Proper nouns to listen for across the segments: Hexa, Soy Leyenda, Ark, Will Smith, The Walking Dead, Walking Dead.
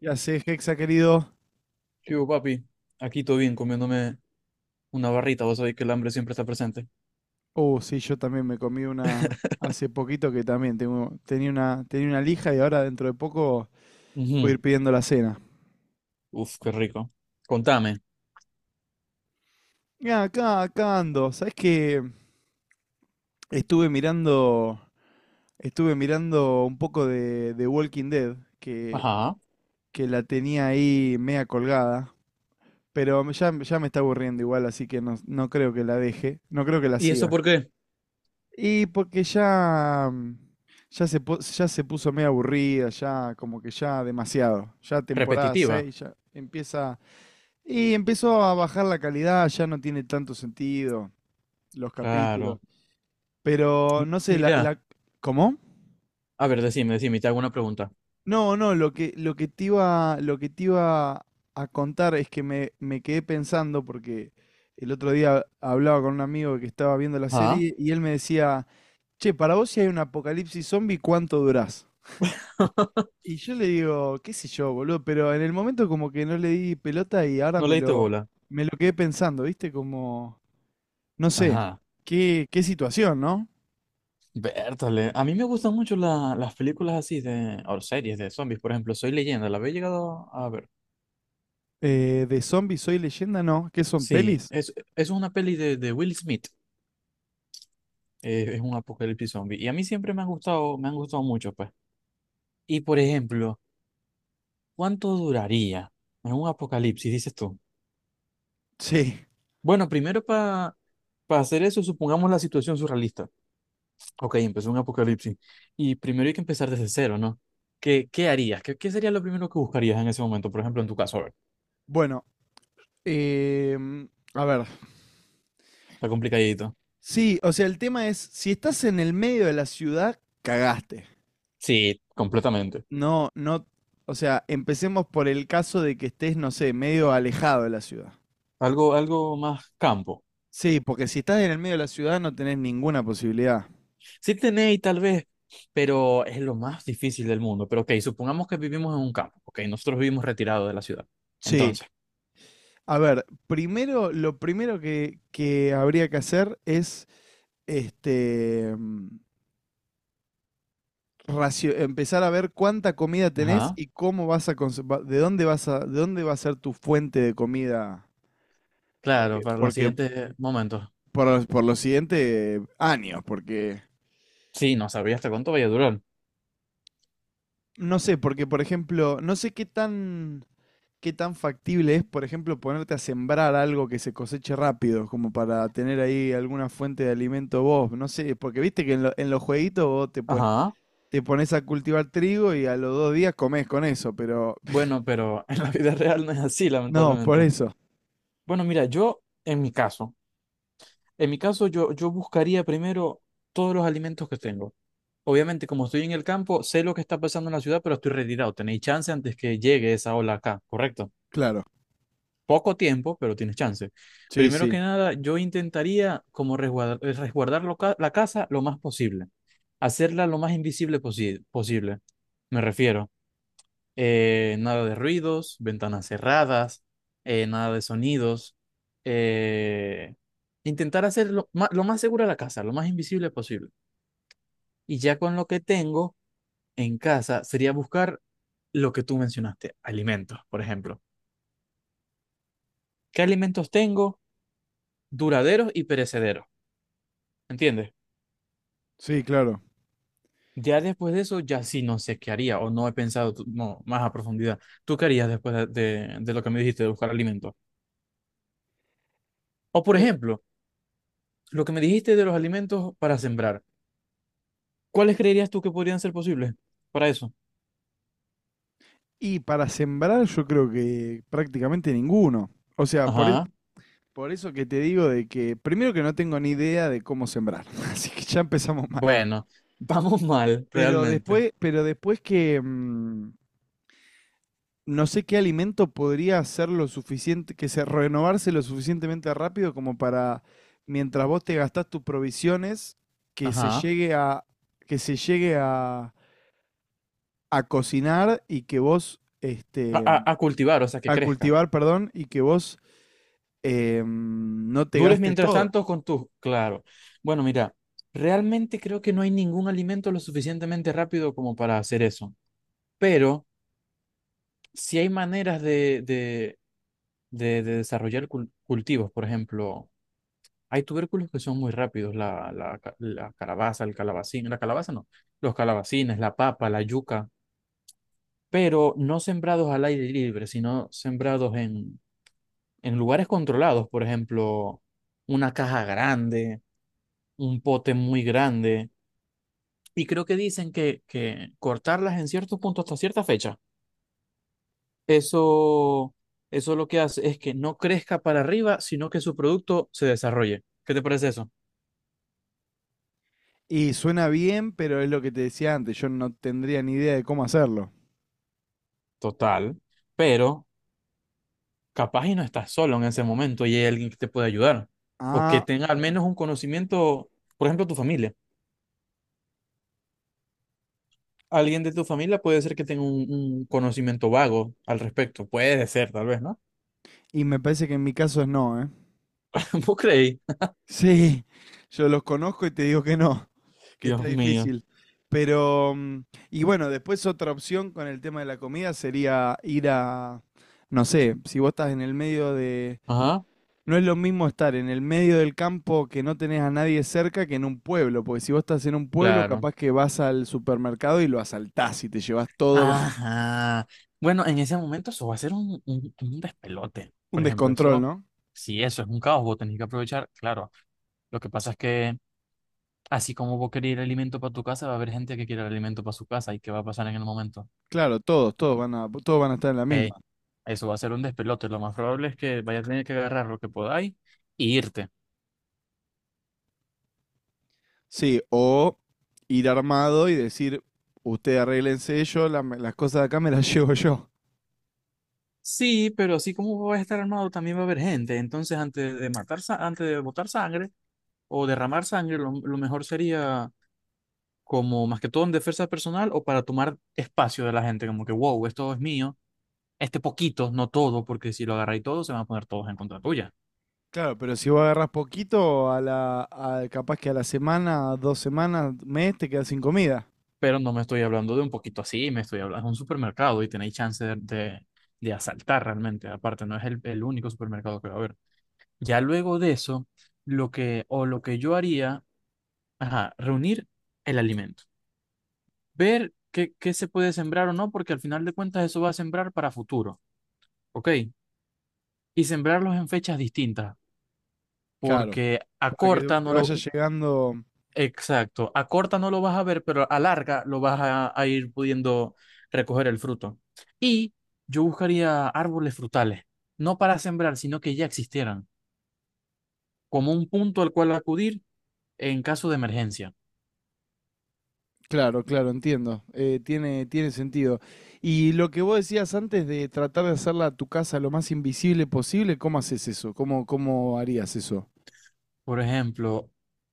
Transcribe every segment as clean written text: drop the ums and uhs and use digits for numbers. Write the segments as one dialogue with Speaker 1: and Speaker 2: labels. Speaker 1: Ya sé, Hexa, querido.
Speaker 2: Yo, papi, aquí todo bien, comiéndome una barrita, vos sabéis que el hambre siempre está presente.
Speaker 1: Sí, yo también me comí una hace poquito que también tenía una lija y ahora dentro de poco voy a
Speaker 2: Ujú.
Speaker 1: ir pidiendo la cena.
Speaker 2: Uf, qué rico. Contame.
Speaker 1: Ya, acá ando. ¿Sabés que Estuve mirando, estuve mirando un poco de Walking Dead, que,
Speaker 2: Ajá.
Speaker 1: que la tenía ahí media colgada? Pero ya me está aburriendo igual, así que no, no creo que la deje, no creo que la
Speaker 2: ¿Y eso
Speaker 1: siga.
Speaker 2: por qué?
Speaker 1: Y porque ya, ya se puso medio aburrida, ya como que ya demasiado. Ya temporada
Speaker 2: Repetitiva.
Speaker 1: 6 ya empieza. Y empezó a bajar la calidad, ya no tiene tanto sentido los capítulos.
Speaker 2: Claro.
Speaker 1: Pero no sé,
Speaker 2: Mira,
Speaker 1: ¿cómo?
Speaker 2: a ver, decime, decime, te hago una pregunta.
Speaker 1: No, no, lo que te iba, lo que te iba a contar es que me quedé pensando porque el otro día hablaba con un amigo que estaba viendo la
Speaker 2: Ajá.
Speaker 1: serie y él me decía, che, para vos si hay un apocalipsis zombie, ¿cuánto durás? Y yo le digo, qué sé yo, boludo, pero en el momento como que no le di pelota y ahora
Speaker 2: ¿No
Speaker 1: me
Speaker 2: le diste
Speaker 1: lo,
Speaker 2: bola?
Speaker 1: me lo quedé pensando, ¿viste? Como, no sé,
Speaker 2: Ajá.
Speaker 1: qué situación, ¿no?
Speaker 2: Bertale. A mí me gustan mucho las películas así de, o series de zombies, por ejemplo, Soy Leyenda, la había llegado a ver.
Speaker 1: De zombies soy leyenda, ¿no? ¿Qué son
Speaker 2: Sí,
Speaker 1: pelis?
Speaker 2: es una peli de Will Smith, es un apocalipsis zombie, y a mí siempre me han gustado mucho, pues. Y por ejemplo, ¿cuánto duraría en un apocalipsis, dices tú?
Speaker 1: Sí.
Speaker 2: Bueno, primero para hacer eso, supongamos la situación surrealista. Ok, empezó un apocalipsis. Y primero hay que empezar desde cero, ¿no? ¿Qué, qué harías? ¿Qué, qué sería lo primero que buscarías en ese momento? Por ejemplo, en tu caso, a ver,
Speaker 1: Bueno, a ver.
Speaker 2: está complicadito.
Speaker 1: Sí, o sea, el tema es, si estás en el medio de la ciudad, cagaste.
Speaker 2: Sí, completamente.
Speaker 1: No, no, o sea, empecemos por el caso de que estés, no sé, medio alejado de la ciudad.
Speaker 2: Algo, algo más campo.
Speaker 1: Sí, porque si estás en el medio de la ciudad no tenés ninguna posibilidad.
Speaker 2: Sí tenéis tal vez, pero es lo más difícil del mundo. Pero ok, supongamos que vivimos en un campo. Ok, nosotros vivimos retirados de la ciudad.
Speaker 1: Sí,
Speaker 2: Entonces,
Speaker 1: a ver, primero, lo primero que habría que hacer es este, empezar a ver cuánta comida tenés
Speaker 2: ajá.
Speaker 1: y cómo vas a, cons- va- de dónde va a ser tu fuente de comida,
Speaker 2: Claro, para los
Speaker 1: porque
Speaker 2: siguientes momentos.
Speaker 1: por los siguientes años, porque
Speaker 2: Sí, no sabía hasta cuánto vaya a durar.
Speaker 1: no sé, porque por ejemplo, no sé qué tan factible es, por ejemplo, ponerte a sembrar algo que se coseche rápido, como para tener ahí alguna fuente de alimento vos. No sé, porque viste que en los jueguitos
Speaker 2: Ajá.
Speaker 1: te pones a cultivar trigo y a los 2 días comés con eso, pero
Speaker 2: Bueno, pero en la vida real no es así,
Speaker 1: no, por
Speaker 2: lamentablemente.
Speaker 1: eso.
Speaker 2: Bueno, mira, yo, en mi caso yo, yo buscaría primero todos los alimentos que tengo. Obviamente, como estoy en el campo, sé lo que está pasando en la ciudad, pero estoy retirado. Tenéis chance antes que llegue esa ola acá, ¿correcto?
Speaker 1: Claro.
Speaker 2: Poco tiempo, pero tienes chance.
Speaker 1: Sí,
Speaker 2: Primero que
Speaker 1: sí.
Speaker 2: nada, yo intentaría como resguardar, resguardar la casa lo más posible, hacerla lo más posible. Me refiero, nada de ruidos, ventanas cerradas, nada de sonidos. eh, Intentar hacer lo más segura la casa, lo más invisible posible. Y ya con lo que tengo en casa sería buscar lo que tú mencionaste, alimentos, por ejemplo. ¿Qué alimentos tengo? Duraderos y perecederos. ¿Entiendes?
Speaker 1: Sí, claro.
Speaker 2: Ya después de eso, ya sí no sé qué haría o no he pensado no, más a profundidad. ¿Tú qué harías después de, de lo que me dijiste de buscar alimentos? O por
Speaker 1: Eh,
Speaker 2: ejemplo, lo que me dijiste de los alimentos para sembrar. ¿Cuáles creerías tú que podrían ser posibles para eso?
Speaker 1: y para sembrar yo creo que prácticamente ninguno. O sea,
Speaker 2: Ajá.
Speaker 1: por eso que te digo de que primero que no tengo ni idea de cómo sembrar, así que ya empezamos mal.
Speaker 2: Bueno, vamos mal,
Speaker 1: Pero
Speaker 2: realmente.
Speaker 1: después, no sé qué alimento podría ser lo suficiente, que se renovarse lo suficientemente rápido como para, mientras vos te gastás tus provisiones, que se
Speaker 2: Ajá.
Speaker 1: llegue a, que se llegue a cocinar y que vos,
Speaker 2: A,
Speaker 1: este,
Speaker 2: a cultivar, o sea, que
Speaker 1: a
Speaker 2: crezca.
Speaker 1: cultivar, perdón, y que vos no te
Speaker 2: Dures
Speaker 1: gastes
Speaker 2: mientras
Speaker 1: todo.
Speaker 2: tanto con tus... Claro. Bueno, mira, realmente creo que no hay ningún alimento lo suficientemente rápido como para hacer eso. Pero... si hay maneras de desarrollar cultivos, por ejemplo, hay tubérculos que son muy rápidos, la, la calabaza, el calabacín, la calabaza no, los calabacines, la papa, la yuca, pero no sembrados al aire libre, sino sembrados en lugares controlados, por ejemplo, una caja grande, un pote muy grande, y creo que dicen que cortarlas en ciertos puntos hasta cierta fecha. Eso, eso lo que hace es que no crezca para arriba, sino que su producto se desarrolle. ¿Qué te parece eso?
Speaker 1: Y suena bien, pero es lo que te decía antes, yo no tendría ni idea de cómo hacerlo.
Speaker 2: Total, pero capaz y no estás solo en ese momento y hay alguien que te puede ayudar o que
Speaker 1: Ah,
Speaker 2: tenga al menos un conocimiento, por ejemplo, tu familia. Alguien de tu familia puede ser que tenga un conocimiento vago al respecto. Puede ser, tal vez, ¿no?
Speaker 1: y me parece que en mi caso es no, ¿eh?
Speaker 2: ¿Vos creí?
Speaker 1: Sí, yo los conozco y te digo que no, que está
Speaker 2: Dios mío.
Speaker 1: difícil. Pero, y bueno, después otra opción con el tema de la comida sería ir a, no sé, si vos estás en el medio de...
Speaker 2: Ajá,
Speaker 1: No es lo mismo estar en el medio del campo que no tenés a nadie cerca que en un pueblo, porque si vos estás en un pueblo,
Speaker 2: claro.
Speaker 1: capaz que vas al supermercado y lo asaltás y te llevas todo,
Speaker 2: Ajá. Bueno, en ese momento eso va a ser un despelote.
Speaker 1: un
Speaker 2: Por ejemplo,
Speaker 1: descontrol,
Speaker 2: eso,
Speaker 1: ¿no?
Speaker 2: si eso es un caos, vos tenés que aprovechar. Claro, lo que pasa es que así como vos querés el alimento para tu casa, va a haber gente que quiera el alimento para su casa. ¿Y qué va a pasar en el momento?
Speaker 1: Claro, todos van a estar en la misma.
Speaker 2: Ey, eso va a ser un despelote. Lo más probable es que vayas a tener que agarrar lo que podáis y irte.
Speaker 1: Sí, o ir armado y decir, usted arréglense yo, las cosas de acá me las llevo yo.
Speaker 2: Sí, pero así como vos vas a estar armado, también va a haber gente. Entonces, antes de matar, antes de botar sangre o derramar sangre, lo mejor sería como más que todo en defensa personal o para tomar espacio de la gente, como que, wow, esto es mío, este poquito, no todo, porque si lo agarráis todo, se van a poner todos en contra tuya.
Speaker 1: Claro, pero si vos agarrás poquito, capaz que a la semana, 2 semanas, mes, te quedas sin comida.
Speaker 2: Pero no me estoy hablando de un poquito así, me estoy hablando de un supermercado y tenéis chance de asaltar realmente. Aparte, no es el único supermercado que va a haber. Ya luego de eso, lo que, o lo que yo haría, ajá, reunir el alimento, ver qué, qué se puede sembrar o no, porque al final de cuentas eso va a sembrar para futuro, ¿ok? Y sembrarlos en fechas distintas
Speaker 1: Claro.
Speaker 2: porque a
Speaker 1: Para que
Speaker 2: corta
Speaker 1: te
Speaker 2: no lo,
Speaker 1: vaya llegando.
Speaker 2: exacto, a corta no lo vas a ver, pero a larga lo vas a ir pudiendo recoger el fruto. Y yo buscaría árboles frutales, no para sembrar, sino que ya existieran, como un punto al cual acudir en caso de emergencia.
Speaker 1: Claro, claro, entiendo. Tiene sentido. Y lo que vos decías antes de tratar de hacerla a tu casa lo más invisible posible, ¿cómo haces eso? ¿Cómo harías eso?
Speaker 2: Por ejemplo,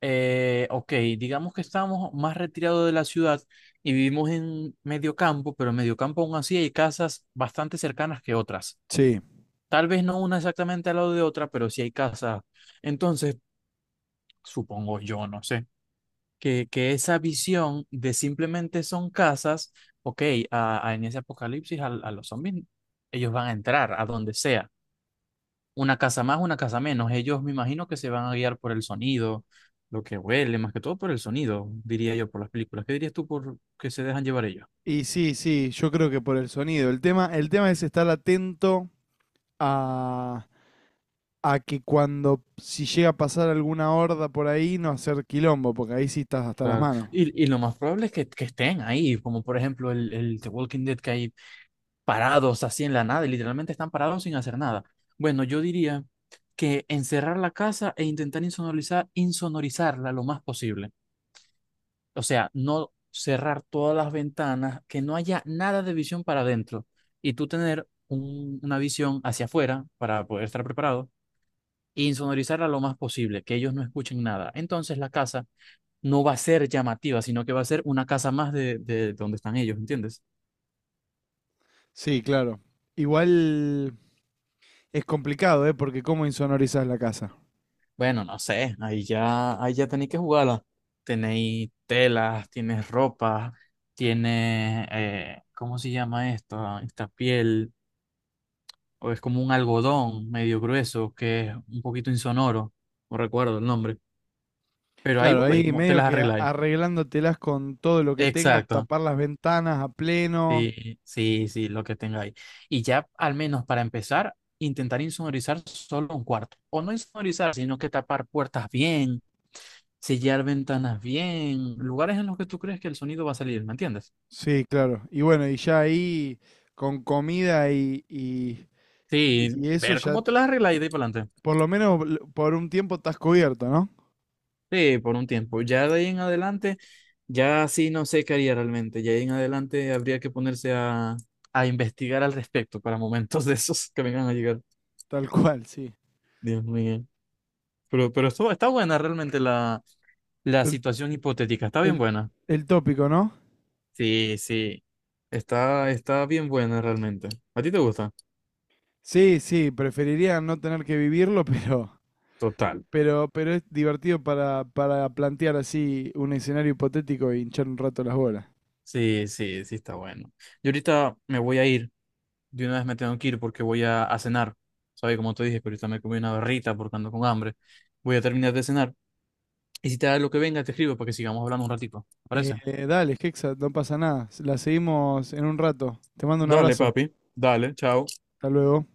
Speaker 2: ok, digamos que estamos más retirados de la ciudad y vivimos en medio campo, pero en medio campo aún así hay casas bastante cercanas que otras.
Speaker 1: Sí.
Speaker 2: Tal vez no una exactamente al lado de otra, pero sí hay casas. Entonces, supongo yo, no sé, que esa visión de simplemente son casas, ok, a, en ese apocalipsis a los zombies, ellos van a entrar a donde sea. Una casa más, una casa menos. Ellos me imagino que se van a guiar por el sonido, lo que huele, más que todo por el sonido, diría yo, por las películas. ¿Qué dirías tú por que se dejan llevar ellos?
Speaker 1: Y sí, sí, yo creo que por el sonido. El tema es estar atento a, a que cuando, si llega a pasar alguna horda por ahí, no hacer quilombo, porque ahí sí estás hasta las
Speaker 2: Claro.
Speaker 1: manos.
Speaker 2: Y lo más probable es que estén ahí, como por ejemplo el The Walking Dead, que hay parados así en la nada, y literalmente están parados sin hacer nada. Bueno, yo diría que encerrar la casa e intentar insonorizar, insonorizarla lo más posible. O sea, no cerrar todas las ventanas, que no haya nada de visión para adentro y tú tener una visión hacia afuera para poder estar preparado e insonorizarla lo más posible, que ellos no escuchen nada. Entonces la casa no va a ser llamativa, sino que va a ser una casa más de donde están ellos, ¿entiendes?
Speaker 1: Sí, claro. Igual es complicado, ¿eh? Porque cómo insonorizás la casa.
Speaker 2: Bueno, no sé, ahí ya tenéis que jugarla. Tenéis telas, tienes ropa, tienes, ¿cómo se llama esto? Esta piel, o es como un algodón medio grueso que es un poquito insonoro, no recuerdo el nombre, pero ahí
Speaker 1: Claro,
Speaker 2: vos veis
Speaker 1: ahí
Speaker 2: cómo te
Speaker 1: medio
Speaker 2: las
Speaker 1: que
Speaker 2: arregláis.
Speaker 1: arreglándotelas con todo lo que tengas,
Speaker 2: Exacto,
Speaker 1: tapar las ventanas a pleno.
Speaker 2: sí, sí, sí, lo que tenga ahí. Y ya, al menos para empezar, intentar insonorizar solo un cuarto. O no insonorizar, sino que tapar puertas bien, sellar ventanas bien, lugares en los que tú crees que el sonido va a salir, ¿me entiendes?
Speaker 1: Sí, claro. Y bueno, y ya ahí con comida y, y,
Speaker 2: Sí,
Speaker 1: y eso
Speaker 2: ver
Speaker 1: ya.
Speaker 2: cómo te las arreglas y de ahí para adelante.
Speaker 1: Por lo menos por un tiempo estás cubierto, ¿no?
Speaker 2: Sí, por un tiempo. Ya de ahí en adelante, ya sí no sé qué haría realmente. Ya de ahí en adelante habría que ponerse a investigar al respecto para momentos de esos que vengan a llegar.
Speaker 1: Tal cual, sí.
Speaker 2: Dios mío. Pero esto, está buena realmente la... La
Speaker 1: El,
Speaker 2: situación hipotética está bien
Speaker 1: el-
Speaker 2: buena.
Speaker 1: el tópico, ¿no?
Speaker 2: Sí, sí. Está, está bien buena realmente. ¿A ti te gusta?
Speaker 1: Sí, sí, preferiría no tener que vivirlo, pero,
Speaker 2: Total.
Speaker 1: pero es divertido para plantear así un escenario hipotético y hinchar un rato las bolas.
Speaker 2: Sí, sí, sí, está bueno. Yo ahorita me voy a ir. De una vez me tengo que ir porque voy a cenar. ¿Sabes? Como te dije, que ahorita me comí una barrita porque ando con hambre. Voy a terminar de cenar. Y si te da lo que venga, te escribo para que sigamos hablando un ratito. ¿Te parece?
Speaker 1: Dale, Hexa, no pasa nada. La seguimos en un rato. Te mando un
Speaker 2: Dale,
Speaker 1: abrazo.
Speaker 2: papi. Dale, chao.
Speaker 1: Hasta luego.